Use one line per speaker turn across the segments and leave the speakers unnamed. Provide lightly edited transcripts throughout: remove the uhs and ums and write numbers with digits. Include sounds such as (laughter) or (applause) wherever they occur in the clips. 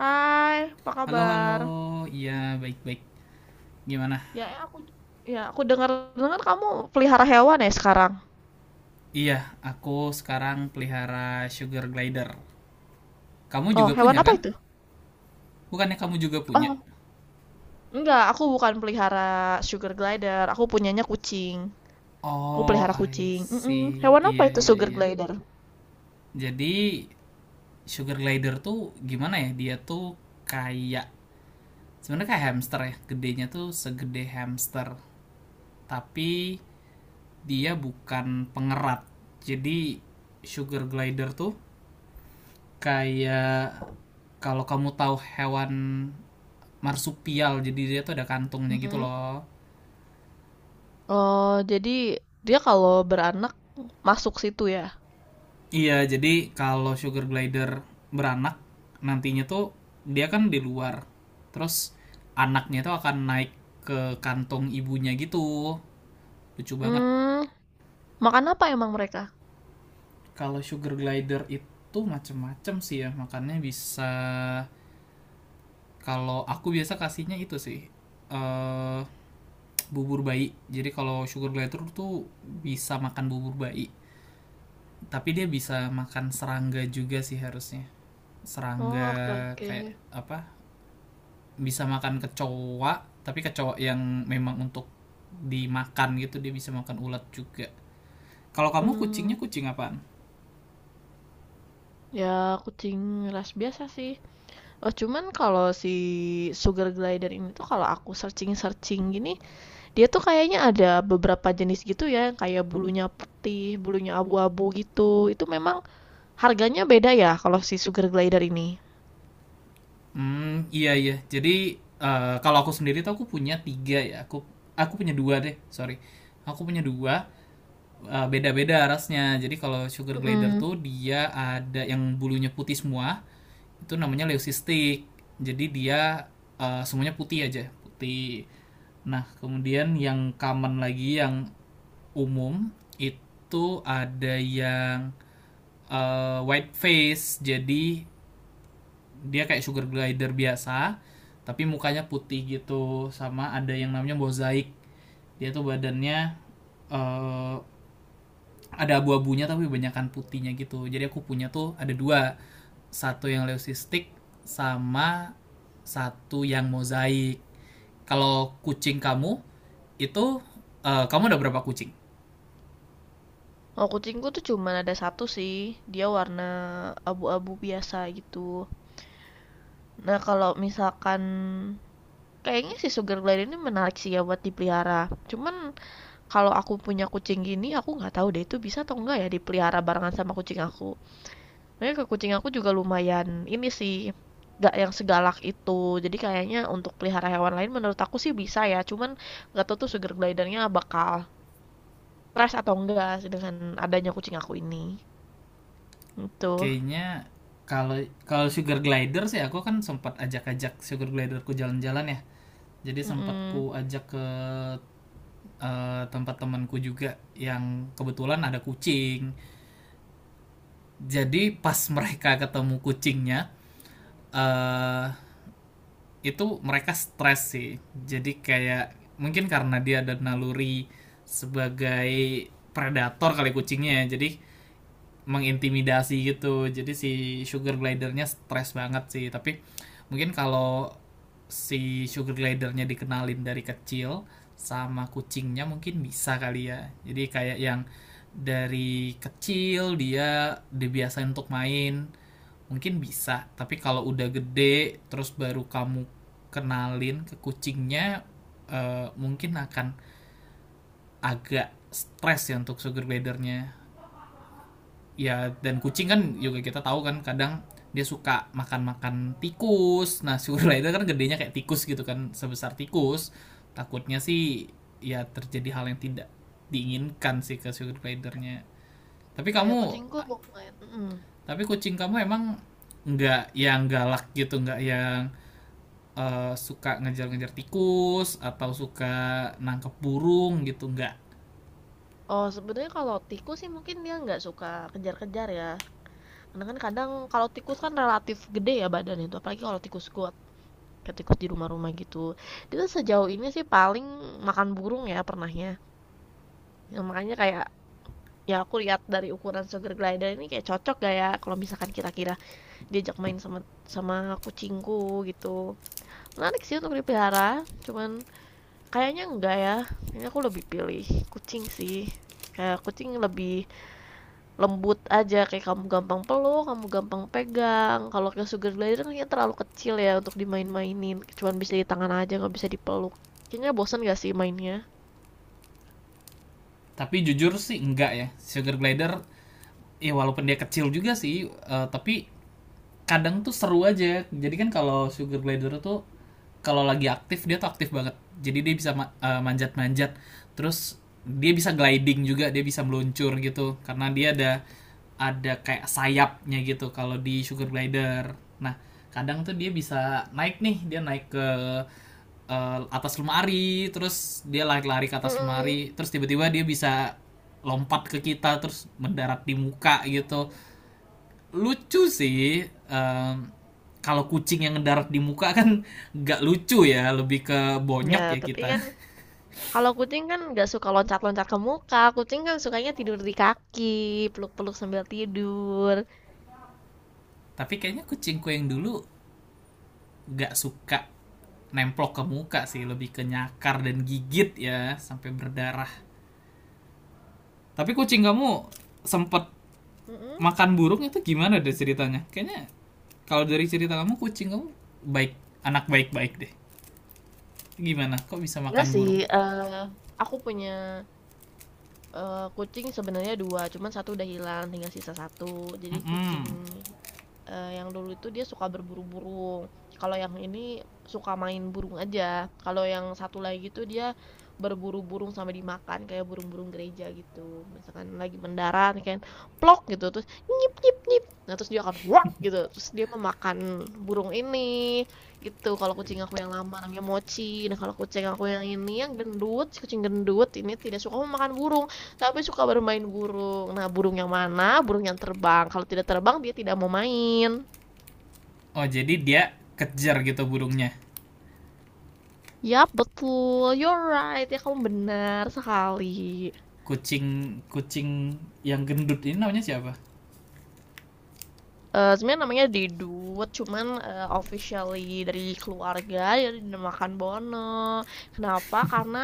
Hai, apa
Halo, halo.
kabar?
Iya, baik-baik. Gimana?
Ya, aku dengar-dengar kamu pelihara hewan ya sekarang.
Iya, aku sekarang pelihara sugar glider. Kamu
Oh,
juga punya
hewan apa
kan?
itu?
Bukannya kamu juga punya?
Oh, enggak, aku bukan pelihara sugar glider. Aku punyanya kucing. Aku
Oh,
pelihara
I
kucing. Mm-mm.
see.
Hewan apa
Iya,
itu
iya,
sugar
iya.
glider?
Jadi, sugar glider tuh gimana ya? Dia tuh kayak sebenarnya kayak hamster ya. Gedenya tuh segede hamster, tapi dia bukan pengerat. Jadi, sugar glider tuh kayak kalau kamu tahu hewan marsupial, jadi dia tuh ada kantungnya gitu
Mm-mm.
loh.
Oh, jadi dia kalau beranak masuk situ ya.
Iya, jadi kalau sugar glider beranak, nantinya tuh dia kan di luar, terus anaknya tuh akan naik ke kantung ibunya gitu. Lucu banget.
Hmm, Makan apa emang mereka?
Kalau sugar glider itu macem-macem sih ya makannya. Bisa, kalau aku biasa kasihnya itu sih eh bubur bayi. Jadi kalau sugar glider tuh bisa makan bubur bayi, tapi dia bisa makan serangga juga sih harusnya.
Oh,
Serangga
oke, oke.
kayak apa? Bisa makan kecoa, tapi kecoa yang memang untuk dimakan gitu. Dia bisa makan ulat juga. Kalau kamu
Hmm,
kucingnya kucing apaan?
Ya, kucing ras biasa sih. Oh, cuman kalau si sugar glider ini tuh kalau aku searching-searching gini, dia tuh kayaknya ada beberapa jenis gitu ya, yang kayak bulunya putih, bulunya abu-abu gitu. Itu memang harganya beda ya kalau si sugar glider ini.
Hmm, iya iya. Jadi kalau aku sendiri tuh aku punya tiga ya. Aku punya dua deh, sorry. Aku punya dua. Beda-beda rasnya. Jadi kalau sugar glider
Mm-mm.
tuh dia ada yang bulunya putih semua, itu namanya leucistic. Jadi dia semuanya putih aja, putih. Nah, kemudian yang common lagi yang umum itu ada yang white face. Jadi dia kayak sugar glider biasa, tapi mukanya putih gitu. Sama ada yang namanya mozaik. Dia tuh badannya eh, ada abu-abunya tapi kebanyakan putihnya gitu. Jadi aku punya tuh ada dua, satu yang leucistik sama satu yang mozaik. Kalau kucing kamu itu, kamu udah berapa kucing?
Oh, kucingku tuh cuman ada satu sih, dia warna abu-abu biasa gitu. Nah, kalau misalkan kayaknya si sugar glider ini menarik sih ya buat dipelihara. Cuman, kalau aku punya kucing gini, aku nggak tahu deh itu bisa atau enggak ya dipelihara barengan sama kucing aku. Makanya ke kucing aku juga lumayan ini sih, nggak yang segalak itu. Jadi kayaknya untuk pelihara hewan lain menurut aku sih bisa ya. Cuman nggak tahu tuh sugar glidernya bakal stres atau enggak sih dengan adanya kucing aku ini. Itu.
Kayaknya kalau kalau sugar glider sih aku kan sempat ajak-ajak sugar gliderku jalan-jalan ya. Jadi sempat
Mm-mm.
ku ajak ke tempat temanku juga yang kebetulan ada kucing. Jadi pas mereka ketemu kucingnya, eh itu mereka stres sih. Jadi kayak mungkin karena dia ada naluri sebagai predator kali kucingnya ya. Jadi mengintimidasi gitu. Jadi si sugar glidernya stres banget sih. Tapi mungkin kalau si sugar glidernya dikenalin dari kecil sama kucingnya mungkin bisa kali ya. Jadi kayak yang dari kecil dia dibiasain untuk main. Mungkin bisa, tapi kalau udah gede terus baru kamu kenalin ke kucingnya, mungkin akan agak stres ya untuk sugar glidernya. Ya, dan kucing
Hmm.
kan juga kita tahu kan, kadang dia suka makan-makan tikus. Nah, (laughs) sugar glider kan gedenya kayak tikus gitu kan, sebesar tikus. Takutnya sih ya terjadi hal yang tidak diinginkan sih ke sugar glidernya. Tapi
Oh ya,
kamu
kucingku lumayan. Mm-mm.
tapi kucing kamu emang nggak yang galak gitu, nggak yang suka ngejar-ngejar tikus atau suka nangkep burung gitu, enggak?
Oh, sebenarnya kalau tikus sih mungkin dia nggak suka kejar-kejar ya. Karena kan kadang kalau tikus kan relatif gede ya badan itu, apalagi kalau tikus kuat. Ketikus di rumah-rumah gitu. Itu sejauh ini sih paling makan burung ya pernahnya. Ya makanya kayak, ya aku lihat dari ukuran sugar glider ini kayak cocok gak ya kalau misalkan kira-kira diajak main sama sama kucingku gitu. Menarik sih untuk dipelihara, cuman kayaknya enggak ya, kayaknya aku lebih pilih kucing sih. Kayak kucing lebih lembut aja, kayak kamu gampang peluk, kamu gampang pegang. Kalau ke sugar glider kan kayaknya terlalu kecil ya untuk dimain-mainin, cuman bisa di tangan aja nggak bisa dipeluk. Kayaknya bosan gak sih mainnya?
Tapi jujur sih enggak ya, sugar glider ya walaupun dia kecil juga sih, tapi kadang tuh seru aja. Jadi kan kalau sugar glider tuh kalau lagi aktif, dia tuh aktif banget. Jadi dia bisa manjat-manjat, terus dia bisa gliding juga, dia bisa meluncur gitu karena dia ada kayak sayapnya gitu kalau di sugar glider. Nah, kadang tuh dia bisa naik nih, dia naik ke atas lemari, terus dia lari-lari ke atas
Mm-mm.
lemari, terus tiba-tiba dia bisa lompat ke kita, terus mendarat di muka gitu. Lucu sih. Kalau kucing yang mendarat di muka kan (laughs) nggak lucu ya, lebih ke bonyok
Ya,
ya
tapi
kita.
kan
(laughs)
kalau kucing kan nggak suka loncat-loncat ke muka, kucing kan sukanya tidur di kaki, peluk-peluk sambil tidur.
Tapi kayaknya kucingku yang dulu nggak suka nemplok ke muka sih, lebih ke nyakar dan gigit ya sampai berdarah. Tapi kucing kamu sempet
Mm-mm.
makan burung itu, gimana deh ceritanya? Kayaknya kalau dari cerita kamu, kucing kamu baik, anak baik-baik deh. Gimana? Kok bisa
Nggak
makan
sih.
burung?
eh, aku punya Kucing sebenarnya 2, cuman satu udah hilang, tinggal sisa satu. Jadi kucing,
Mm-mm.
yang dulu itu dia suka berburu burung. Kalau yang ini suka main burung aja. Kalau yang satu lagi tuh dia berburu burung sampai dimakan, kayak burung-burung gereja gitu. Misalkan lagi mendarat kan, plok gitu, terus nyip nyip nyip, nah terus dia akan wak gitu, terus dia memakan burung ini, gitu. Kalau kucing aku yang lama namanya Mochi. Nah, kalau kucing aku yang ini yang gendut, si kucing gendut ini tidak suka memakan burung. Kami suka bermain burung. Nah, burung yang mana? Burung yang terbang. Kalau tidak terbang, dia tidak mau main.
Oh, jadi dia kejar gitu burungnya.
Yap, betul. You're right. Ya, kamu benar sekali.
Kucing kucing yang gendut ini namanya siapa?
Sebenarnya namanya Didut, cuman, officially dari keluarga ya dinamakan Bono. Kenapa? Karena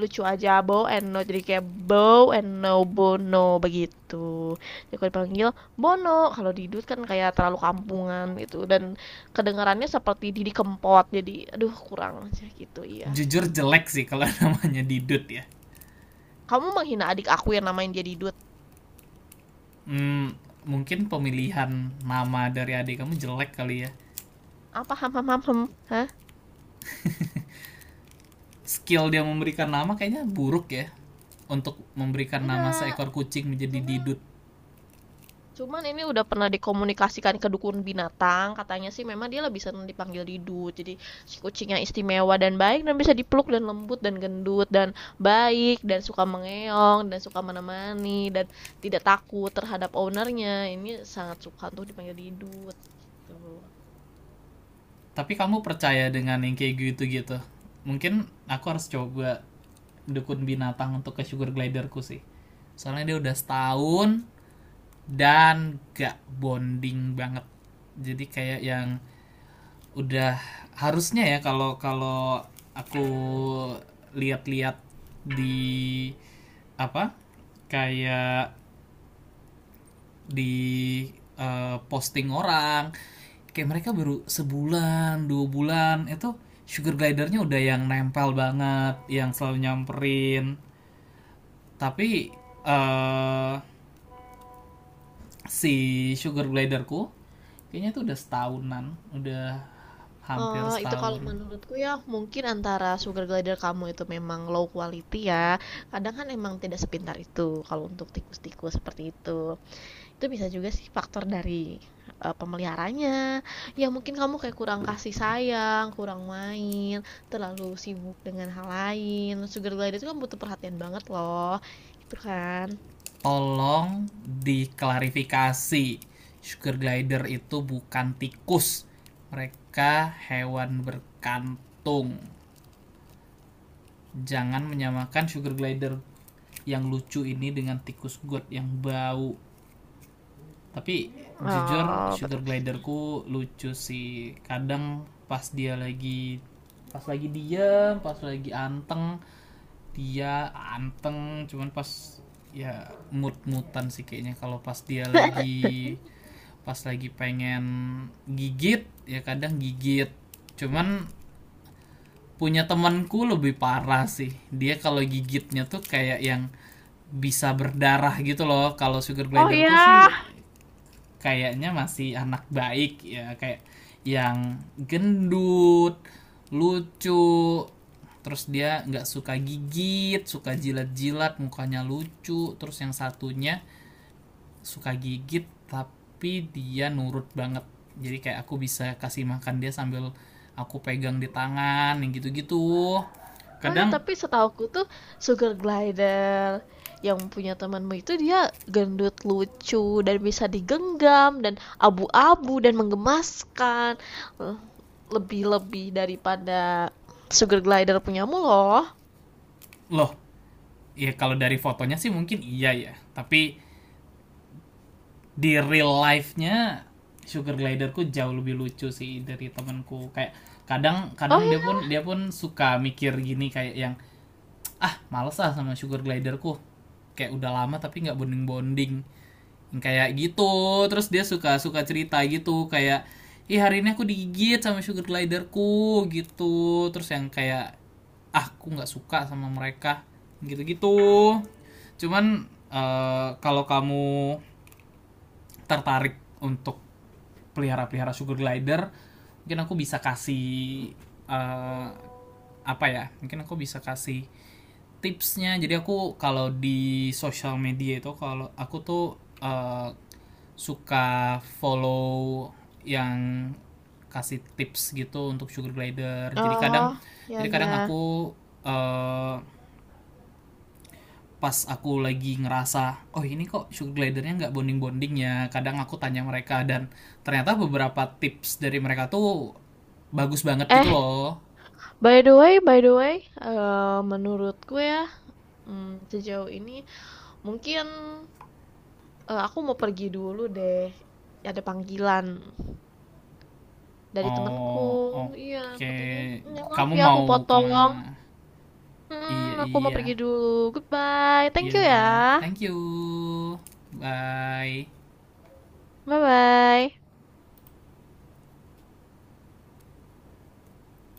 lucu aja, Bow and No, jadi kayak Bow and No Bono begitu. Jadi kalau dipanggil Bono, kalau Didut kan kayak terlalu kampungan gitu dan kedengarannya seperti Didi Kempot, jadi aduh kurang aja gitu, iya.
Jujur jelek sih kalau (laughs) namanya Didut ya.
Kamu menghina adik aku yang namain dia Didut?
Hmm, mungkin pemilihan nama dari adik kamu jelek kali ya.
Apa? Ham ham ham hem? Hah?
Skill dia memberikan nama kayaknya buruk ya. Untuk memberikan nama
Enggak,
seekor kucing menjadi
cuman
Didut.
Cuman ini udah pernah dikomunikasikan ke dukun binatang, katanya sih memang dia lebih senang dipanggil Didu. Jadi si kucingnya istimewa dan baik dan bisa dipeluk dan lembut dan gendut dan baik dan suka mengeong dan suka menemani dan tidak takut terhadap ownernya. Ini sangat suka untuk dipanggil Didu gitu.
Tapi kamu percaya dengan yang kayak gitu gitu? Mungkin aku harus coba dukun binatang untuk ke sugar gliderku sih. Soalnya dia udah setahun dan gak bonding banget. Jadi kayak yang udah harusnya ya, kalau kalau aku lihat-lihat di apa, kayak di posting orang, kayak mereka baru sebulan dua bulan itu sugar glidernya udah yang nempel banget, yang selalu nyamperin. Tapi eh si sugar gliderku kayaknya itu udah setahunan, udah hampir
Oh, itu kalau
setahun.
menurutku ya mungkin antara sugar glider kamu itu memang low quality ya. Kadang kan emang tidak sepintar itu kalau untuk tikus-tikus seperti itu. Itu bisa juga sih faktor dari, pemeliharanya, ya mungkin kamu kayak kurang kasih sayang, kurang main, terlalu sibuk dengan hal lain, sugar glider itu kan butuh perhatian banget loh, gitu kan.
Tolong diklarifikasi, sugar glider itu bukan tikus, mereka hewan berkantung. Jangan menyamakan sugar glider yang lucu ini dengan tikus god yang bau. Tapi jujur
Oh,
sugar
betul sih.
gliderku lucu sih. Kadang pas lagi diam, pas lagi anteng, dia anteng. Cuman pas, ya mut-mutan sih kayaknya kalau
(laughs)
pas lagi pengen gigit ya kadang gigit. Cuman punya temanku lebih parah sih, dia kalau gigitnya tuh kayak yang bisa berdarah gitu loh. Kalau sugar
Oh
gliderku
ya?
sih kayaknya masih anak baik ya, kayak yang gendut, lucu, terus dia nggak suka gigit, suka jilat-jilat mukanya, lucu. Terus yang satunya suka gigit tapi dia nurut banget, jadi kayak aku bisa kasih makan dia sambil aku pegang di tangan yang gitu-gitu
Oh ya,
kadang.
tapi setahuku tuh sugar glider yang punya temanmu itu dia gendut lucu dan bisa digenggam dan abu-abu dan menggemaskan. Eh, Lebih-lebih daripada sugar glider punyamu loh.
Loh ya, kalau dari fotonya sih mungkin iya ya, tapi di real life-nya sugar gliderku jauh lebih lucu sih dari temanku. Kayak kadang
Oh
kadang dia pun
ya.
dia pun suka mikir gini kayak yang, ah males ah sama sugar gliderku, kayak udah lama tapi nggak bonding bonding, kayak gitu. Terus dia suka suka cerita gitu kayak, ih hari ini aku digigit sama sugar gliderku, gitu. Terus yang kayak, ah aku nggak suka sama mereka, gitu-gitu. Cuman kalau kamu tertarik untuk pelihara-pelihara sugar glider, mungkin aku bisa kasih eh, apa ya, mungkin aku bisa kasih tipsnya. Jadi aku kalau di sosial media itu, kalau aku tuh eh, suka follow yang kasih tips gitu untuk sugar glider. Jadi kadang,
Oh, ya, ya.
aku eh, pas aku lagi ngerasa oh ini kok sugar glidernya nggak bonding bonding ya, kadang aku tanya mereka, dan ternyata beberapa tips dari mereka tuh bagus banget gitu
Eh,
loh.
by the way, menurutku ya, sejauh ini mungkin aku mau pergi dulu deh. Ada panggilan dari temanku.
Oh, oke.
Iya, katanya,
Okay.
"Mm, maaf
Kamu
ya aku
mau
potong."
kemana? Iya,
Aku mau
iya.
pergi dulu, goodbye, thank you
Ya
ya,
udah. Thank you. Bye.
bye bye.